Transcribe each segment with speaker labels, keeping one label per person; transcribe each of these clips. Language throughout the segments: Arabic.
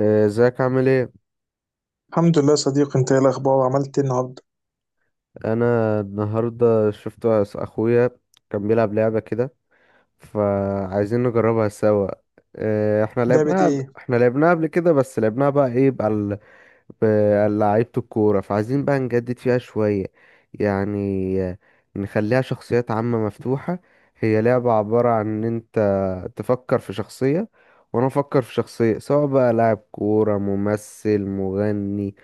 Speaker 1: ازيك عامل ايه؟
Speaker 2: الحمد لله يا صديقي، انت ايه الاخبار؟ عملت ايه النهارده؟
Speaker 1: انا النهارده شفت اخويا، كان بيلعب لعبه كده، فعايزين نجربها سوا. احنا
Speaker 2: لعبه
Speaker 1: لعبناها
Speaker 2: ايه؟
Speaker 1: قبل كده، بس لعبناها بقى ايه بقى بلعيبه الكوره، فعايزين بقى نجدد فيها شويه يعني. آه، نخليها شخصيات عامه مفتوحه. هي لعبه عباره عن ان انت تفكر في شخصيه، وانا افكر في شخصيه، سواء بقى لاعب كوره، ممثل، مغني،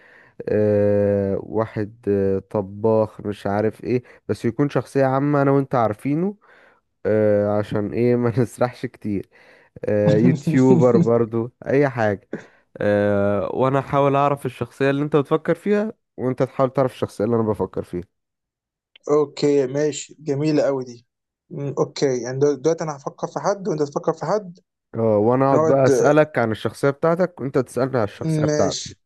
Speaker 1: واحد، طباخ، مش عارف ايه، بس يكون شخصية عامة انا وانت عارفينه. عشان ايه ما نسرحش كتير. يوتيوبر برضو، اي حاجة. وانا احاول اعرف الشخصية اللي انت بتفكر فيها، وانت تحاول تعرف الشخصية اللي انا بفكر فيها.
Speaker 2: اوكي ماشي، جميله قوي دي. اوكي، يعني دلوقتي انا هفكر في حد وانت تفكر في حد.
Speaker 1: اه وانا اقعد
Speaker 2: نقعد.
Speaker 1: بقى اسألك عن الشخصية بتاعتك، وانت تسألني عن الشخصية بتاعتي.
Speaker 2: ماشي.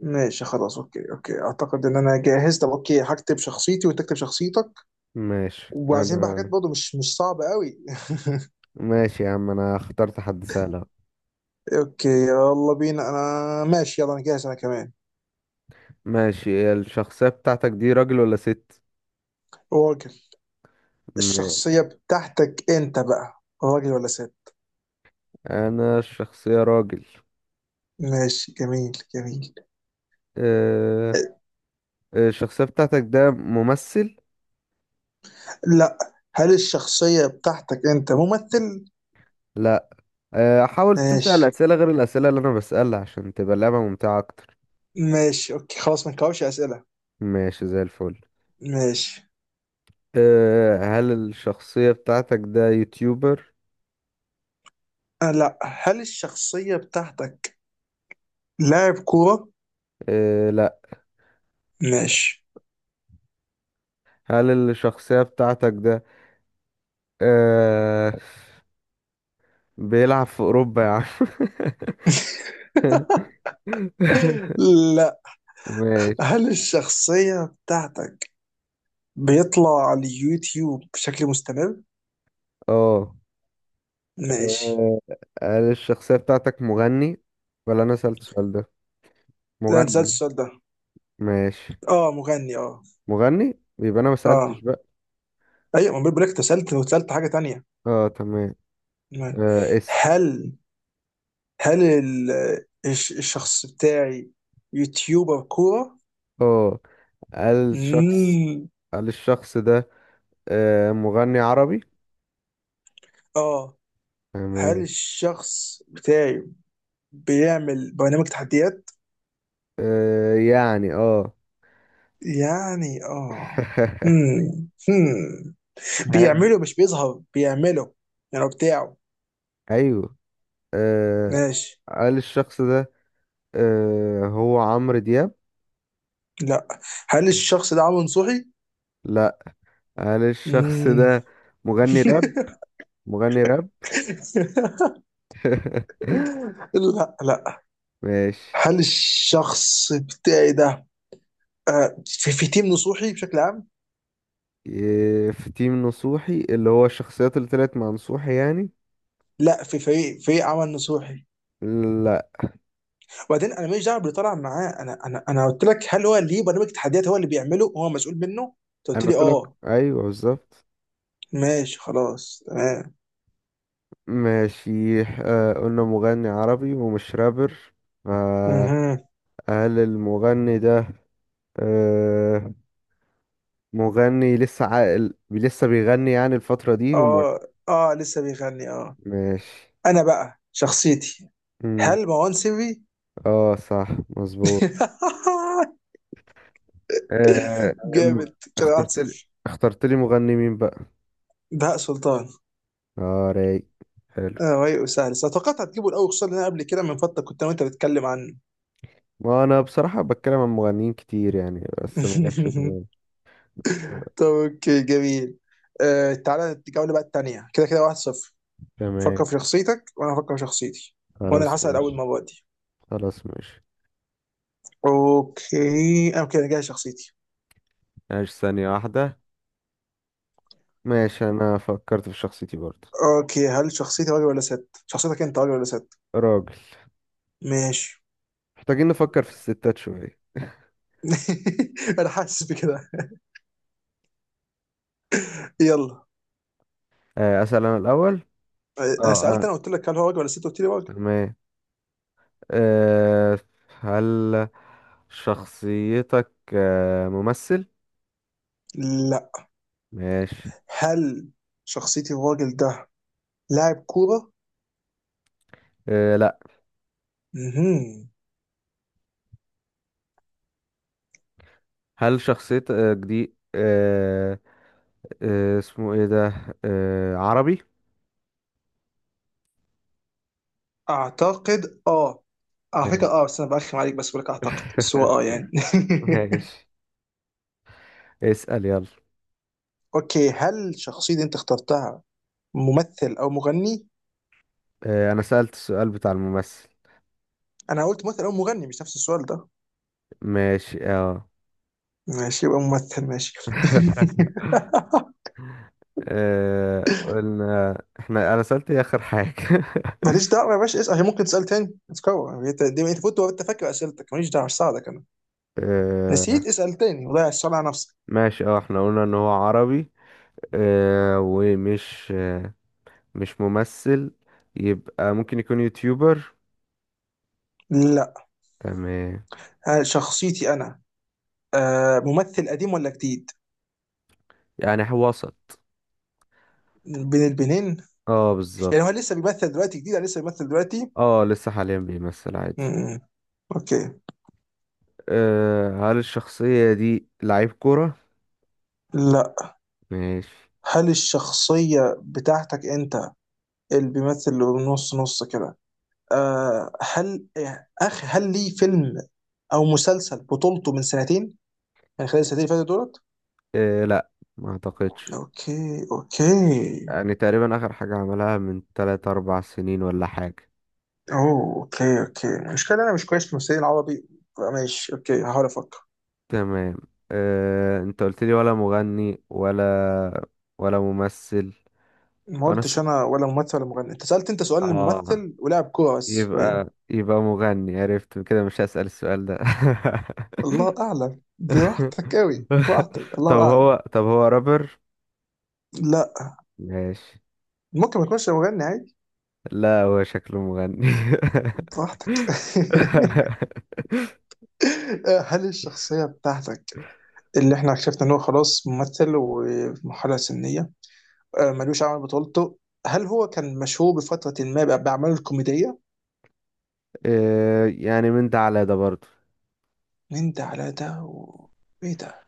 Speaker 2: ماشي خلاص، اوكي اوكي، اعتقد ان انا جاهز. طب اوكي هكتب شخصيتي وانت تكتب شخصيتك.
Speaker 1: ماشي،
Speaker 2: وعايزين بقى حاجات
Speaker 1: انا.
Speaker 2: برضه مش صعبه قوي.
Speaker 1: ماشي يا عم، انا اخترت حد سهل اهو.
Speaker 2: اوكي يلا بينا، انا ماشي، يلا انا جاهز، انا كمان.
Speaker 1: ماشي، الشخصية بتاعتك دي راجل ولا ست؟
Speaker 2: راجل.
Speaker 1: ماشي.
Speaker 2: الشخصيه بتاعتك انت بقى راجل ولا ست؟
Speaker 1: انا الشخصية راجل.
Speaker 2: ماشي، جميل جميل.
Speaker 1: آه، الشخصية بتاعتك ده ممثل؟
Speaker 2: لا. هل الشخصية بتاعتك أنت ممثل؟
Speaker 1: لا. حاول تسأل
Speaker 2: ماشي.
Speaker 1: أسئلة غير الأسئلة اللي أنا بسألها، عشان تبقى اللعبة ممتعة أكتر.
Speaker 2: ماشي أوكي خلاص، ما نكررش أسئلة.
Speaker 1: ماشي زي الفل.
Speaker 2: ماشي.
Speaker 1: هل الشخصية بتاعتك ده يوتيوبر؟
Speaker 2: آه لا. هل الشخصية بتاعتك لاعب كورة؟
Speaker 1: لا.
Speaker 2: ماشي.
Speaker 1: هل الشخصية بتاعتك ده آه، بيلعب في أوروبا يا عم؟
Speaker 2: لا.
Speaker 1: ماشي.
Speaker 2: هل الشخصية بتاعتك بيطلع على اليوتيوب بشكل مستمر؟
Speaker 1: اه.
Speaker 2: ماشي.
Speaker 1: آه، هل الشخصية بتاعتك مغني، ولا أنا سألت السؤال ده؟
Speaker 2: لا أنت سألت
Speaker 1: مغني.
Speaker 2: السؤال ده.
Speaker 1: ماشي.
Speaker 2: أه مغني أه.
Speaker 1: مغني؟ يبقى انا ما سألتش
Speaker 2: أه.
Speaker 1: بقى.
Speaker 2: أيوة، ما بقول لك أنت سألت وسألت حاجة تانية.
Speaker 1: اه، تمام.
Speaker 2: ماشي.
Speaker 1: اسم.
Speaker 2: هل الشخص بتاعي يوتيوبر كورة؟
Speaker 1: اه هل الشخص
Speaker 2: مم.
Speaker 1: هل الشخص ده مغني عربي؟
Speaker 2: اه. هل
Speaker 1: تمام.
Speaker 2: الشخص بتاعي بيعمل برنامج تحديات؟
Speaker 1: يعني اه.
Speaker 2: يعني اه. مم. مم.
Speaker 1: هل.
Speaker 2: بيعمله، مش بيظهر بيعمله، يعني هو بتاعه.
Speaker 1: ايوه. آه
Speaker 2: ماشي.
Speaker 1: هل الشخص ده هو عمرو دياب؟
Speaker 2: لا. هل الشخص ده عمرو نصوحي؟
Speaker 1: لا. هل الشخص
Speaker 2: مم.
Speaker 1: ده مغني راب؟ مغني راب.
Speaker 2: لا لا.
Speaker 1: ماشي.
Speaker 2: هل الشخص بتاعي ده في تيم نصوحي بشكل عام؟
Speaker 1: إيه، في تيم نصوحي، اللي هو الشخصيات اللي طلعت مع نصوحي يعني.
Speaker 2: لا، في فريق، فريق عمل نصوحي. وبعدين انا ماليش دعوه باللي طلع معاه، انا انا قلت لك هل هو ليه برنامج تحديات، هو اللي بيعمله، هو مسؤول منه. انت قلت
Speaker 1: انا
Speaker 2: لي
Speaker 1: قلت لك
Speaker 2: اه.
Speaker 1: ايوه بالظبط.
Speaker 2: ماشي خلاص تمام.
Speaker 1: ماشي. قلنا مغني عربي ومش رابر، فهل
Speaker 2: اها.
Speaker 1: المغني ده آه مغني لسه عاقل، لسه بيغني يعني الفترة دي ومر؟
Speaker 2: اه. اه لسه بيغني اه.
Speaker 1: ماشي.
Speaker 2: انا بقى شخصيتي،
Speaker 1: مم.
Speaker 2: هل مروان سري؟
Speaker 1: اه، صح. مظبوط. آه الم...
Speaker 2: جامد كده، 1
Speaker 1: اخترت لي
Speaker 2: 0.
Speaker 1: اخترت لي مغني مين بقى؟
Speaker 2: بهاء سلطان.
Speaker 1: اه، رايق. حلو.
Speaker 2: اه رايق وسهل، بس توقعت هتجيبه الاول، خصوصا ان انا قبل كده من فتره كنت انا وانت بتتكلم عنه.
Speaker 1: ما انا بصراحة بتكلم عن مغنيين كتير يعني، بس ما جاش في دماغي. آه،
Speaker 2: طب اوكي جميل. آه تعالى الجولة بقى التانية، كده كده واحد صفر. فكر
Speaker 1: تمام.
Speaker 2: في شخصيتك وانا افكر في شخصيتي، وانا
Speaker 1: خلاص
Speaker 2: اللي هسأل اول
Speaker 1: ماشي.
Speaker 2: مرة دي.
Speaker 1: خلاص ماشي.
Speaker 2: اوكي اوكي انا جاي شخصيتي.
Speaker 1: ماشي، ثانية واحدة. ماشي، أنا فكرت في شخصيتي برضه.
Speaker 2: اوكي هل شخصيتي راجل ولا ست؟ شخصيتك انت راجل ولا ست؟
Speaker 1: راجل.
Speaker 2: ماشي.
Speaker 1: محتاجين نفكر في الستات شوية.
Speaker 2: انا حاسس بكده. يلا.
Speaker 1: أسأل أنا الأول.
Speaker 2: انا
Speaker 1: اه،
Speaker 2: سألت،
Speaker 1: أنا.
Speaker 2: انا قلت لك هل هو راجل ولا ست؟ قلت لي راجل.
Speaker 1: تمام. آه، هل شخصيتك ممثل؟
Speaker 2: لا.
Speaker 1: ماشي.
Speaker 2: هل شخصيتي الراجل ده لاعب كورة؟
Speaker 1: لأ.
Speaker 2: مهم.
Speaker 1: هل شخصيتك دي اسمه ايه ده عربي؟
Speaker 2: اعتقد اه. على فكرة
Speaker 1: حلو.
Speaker 2: اه، بس انا برخم عليك، بس بقولك اعتقد، بس هو اه يعني.
Speaker 1: ماشي. اسأل يلا.
Speaker 2: اوكي هل الشخصية اللي انت اخترتها ممثل او مغني؟
Speaker 1: أنا سألت السؤال بتاع الممثل.
Speaker 2: انا قلت ممثل او مغني، مش نفس السؤال ده.
Speaker 1: ماشي، اه.
Speaker 2: ماشي يبقى ممثل، ماشي.
Speaker 1: قلنا احنا، انا سألت ايه اخر حاجة؟
Speaker 2: ماليش دعوة يا باشا، اسأل. هي ممكن تسأل تاني، اتكور انت دي، انت فوت وانت فاكر اسئلتك، ماليش دعوة، مش ساعدك انا.
Speaker 1: آه،
Speaker 2: نسيت اسأل تاني، وضيع السؤال على نفسك.
Speaker 1: ماشي. اه، احنا قلنا ان هو عربي آه، ومش آه، مش ممثل، يبقى ممكن يكون يوتيوبر.
Speaker 2: لا.
Speaker 1: تمام.
Speaker 2: هل شخصيتي انا آه ممثل قديم ولا جديد؟
Speaker 1: يعني هو وسط.
Speaker 2: بين البنين.
Speaker 1: اه، بالظبط.
Speaker 2: يعني هو لسه بيمثل دلوقتي جديد ولا لسه بيمثل دلوقتي؟
Speaker 1: اه، لسه حاليا بيمثل عادي.
Speaker 2: م. اوكي.
Speaker 1: هل الشخصية دي لعيب كورة؟
Speaker 2: لا.
Speaker 1: ماشي.
Speaker 2: هل الشخصية بتاعتك انت اللي بيمثل نص نص كده؟ آه هل هل ليه فيلم او مسلسل بطولته من سنتين، من خلال السنتين اللي فاتت دولت؟
Speaker 1: لا. ما اعتقدش.
Speaker 2: اوكي اوكي.
Speaker 1: يعني تقريبا اخر حاجة عملها من 3 4 سنين ولا حاجة.
Speaker 2: اوه اوكي اوكي، المشكلة انا مش كويس في الممثلين العربي. ماشي اوكي، هحاول افكر.
Speaker 1: تمام. انت قلت لي ولا مغني ولا ممثل.
Speaker 2: ما
Speaker 1: وانا س...
Speaker 2: قلتش انا ولا ممثل ولا مغني، انت سألت، انت سؤال
Speaker 1: اه.
Speaker 2: للممثل ولاعب كورة بس باين.
Speaker 1: يبقى مغني، عرفت كده، مش هسأل السؤال ده.
Speaker 2: الله اعلم، براحتك قوي براحتك،
Speaker 1: طب
Speaker 2: الله اعلم.
Speaker 1: هو طب هو رابر؟
Speaker 2: لا.
Speaker 1: ماشي.
Speaker 2: ممكن ما يكونش مغني عادي.
Speaker 1: لا، هو شكله مغني.
Speaker 2: براحتك. هل الشخصية بتاعتك اللي احنا اكتشفنا ان هو خلاص ممثل وفي مرحلة سنية، ملوش عمل بطولته، هل هو كان مشهور بفترة ما بأعماله الكوميدية؟
Speaker 1: يعني من ده على ده برضه.
Speaker 2: من ده على ده و... ايه ده؟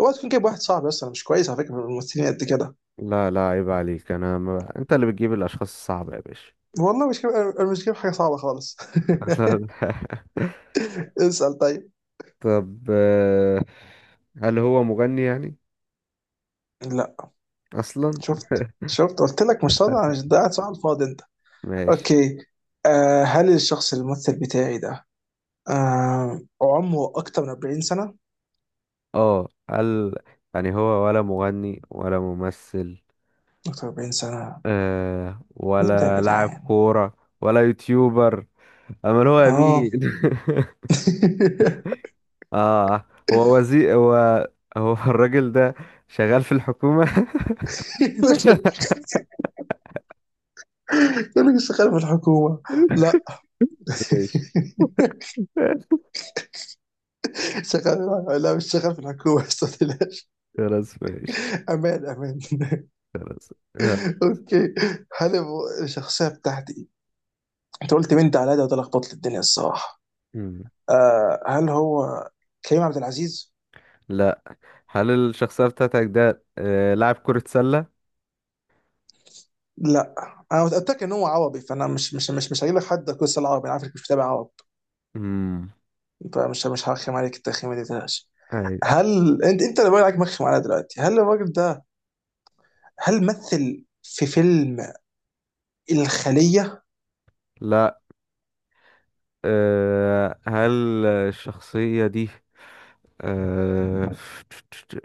Speaker 2: هو تكون جايب واحد صعب اصلا، مش كويس على فكرة في الممثلين قد كده.
Speaker 1: لا لا، عيب عليك. انا ما... انت اللي بتجيب الاشخاص الصعبة يا باشا.
Speaker 2: والله مش جايب، أنا مش جايب حاجة صعبة خالص. اسأل طيب.
Speaker 1: طب هل هو مغني يعني
Speaker 2: لا.
Speaker 1: اصلا؟
Speaker 2: شفت شفت، قلت لك مش صادق، مش ده قاعد صح، على الفاضي انت.
Speaker 1: ماشي.
Speaker 2: اوكي. آه هل الشخص الممثل بتاعي ده آه عمره أكتر من 40 سنة؟
Speaker 1: اه، قال. يعني هو ولا مغني ولا ممثل،
Speaker 2: أكتر من 40 سنة، مين ده يا
Speaker 1: ولا لاعب
Speaker 2: جدعان؟
Speaker 1: كورة ولا يوتيوبر. امال هو
Speaker 2: آه.
Speaker 1: مين؟ اه. هو وزير هو. هو الراجل ده شغال في الحكومة.
Speaker 2: يقول لك شغال في الحكومة؟ لا.
Speaker 1: ماشي.
Speaker 2: شغال، لا مش شغال في الحكومة. أستاذ.
Speaker 1: خلاص ماشي.
Speaker 2: أمان أمان.
Speaker 1: خلاص. يلا.
Speaker 2: أوكي. هل هو الشخصية بتاعتي، أنت قلت مين ده على ده وده لخبط لي الدنيا الصراحة.
Speaker 1: مم.
Speaker 2: آه هل هو كريم عبد العزيز؟
Speaker 1: لا. هل الشخصية بتاعتك ده لاعب كرة سلة؟
Speaker 2: لا. انا متاكد ان هو عربي، فانا مش هجيب لك حد كويس العربي، انا عارفك مش متابع عرب،
Speaker 1: امم.
Speaker 2: فمش مش هرخم عليك التخيمه دي تلاش.
Speaker 1: ايوه.
Speaker 2: هل انت اللي بالك مخ معانا دلوقتي، هل الراجل ده هل مثل في فيلم الخلية؟
Speaker 1: لاعب. هل الشخصية دي آه،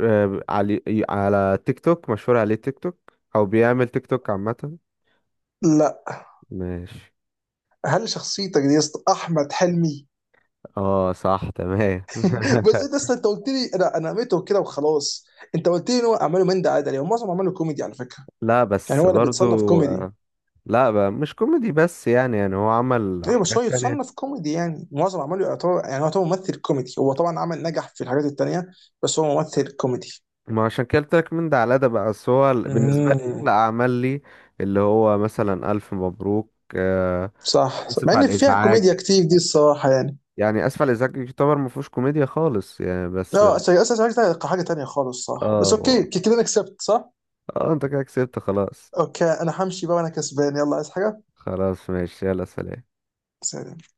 Speaker 1: على تيك توك، مشهور عليه تيك توك أو بيعمل تيك توك عامة.
Speaker 2: لا.
Speaker 1: ماشي.
Speaker 2: هل شخصيتك دي يا اسطى احمد حلمي؟
Speaker 1: اه، صح، تمام.
Speaker 2: بس انت اصلا انت قلت لي، انا قمته كده وخلاص. انت قلت لي ان هو اعماله من ده عادي، هو معظم اعماله كوميدي على فكرة.
Speaker 1: لا
Speaker 2: يعني
Speaker 1: بس
Speaker 2: هو اللي بيتصنف
Speaker 1: برضو.
Speaker 2: كوميدي.
Speaker 1: لا بقى، مش كوميدي بس، يعني هو عمل
Speaker 2: ايوه بس هو
Speaker 1: حاجات تانية.
Speaker 2: يتصنف كوميدي، يعني معظم اعماله يعتبر، يعني هو يعتبر ممثل كوميدي، هو طبعا عمل نجح في الحاجات التانية، بس هو ممثل كوميدي.
Speaker 1: ما عشان كده قلت لك من ده على ده بقى، بس هو بالنسبة لي أحلى
Speaker 2: امم.
Speaker 1: أعمال لي اللي هو مثلا ألف مبروك.
Speaker 2: صح صح. مع
Speaker 1: آسف
Speaker 2: ان
Speaker 1: على
Speaker 2: فيها
Speaker 1: الإزعاج.
Speaker 2: كوميديا كتير دي الصراحة يعني.
Speaker 1: يعني اسف على الازعاج يعتبر ما فيهوش كوميديا خالص يعني، بس.
Speaker 2: لا، اصل عايز حاجه تانيه خالص صح، بس اوكي
Speaker 1: اه.
Speaker 2: كده انا كسبت صح.
Speaker 1: اه، انت كده كسبت خلاص.
Speaker 2: اوكي انا همشي بقى وانا كسبان، يلا عايز حاجه.
Speaker 1: خلاص ماشي. يلا سلام.
Speaker 2: سلام.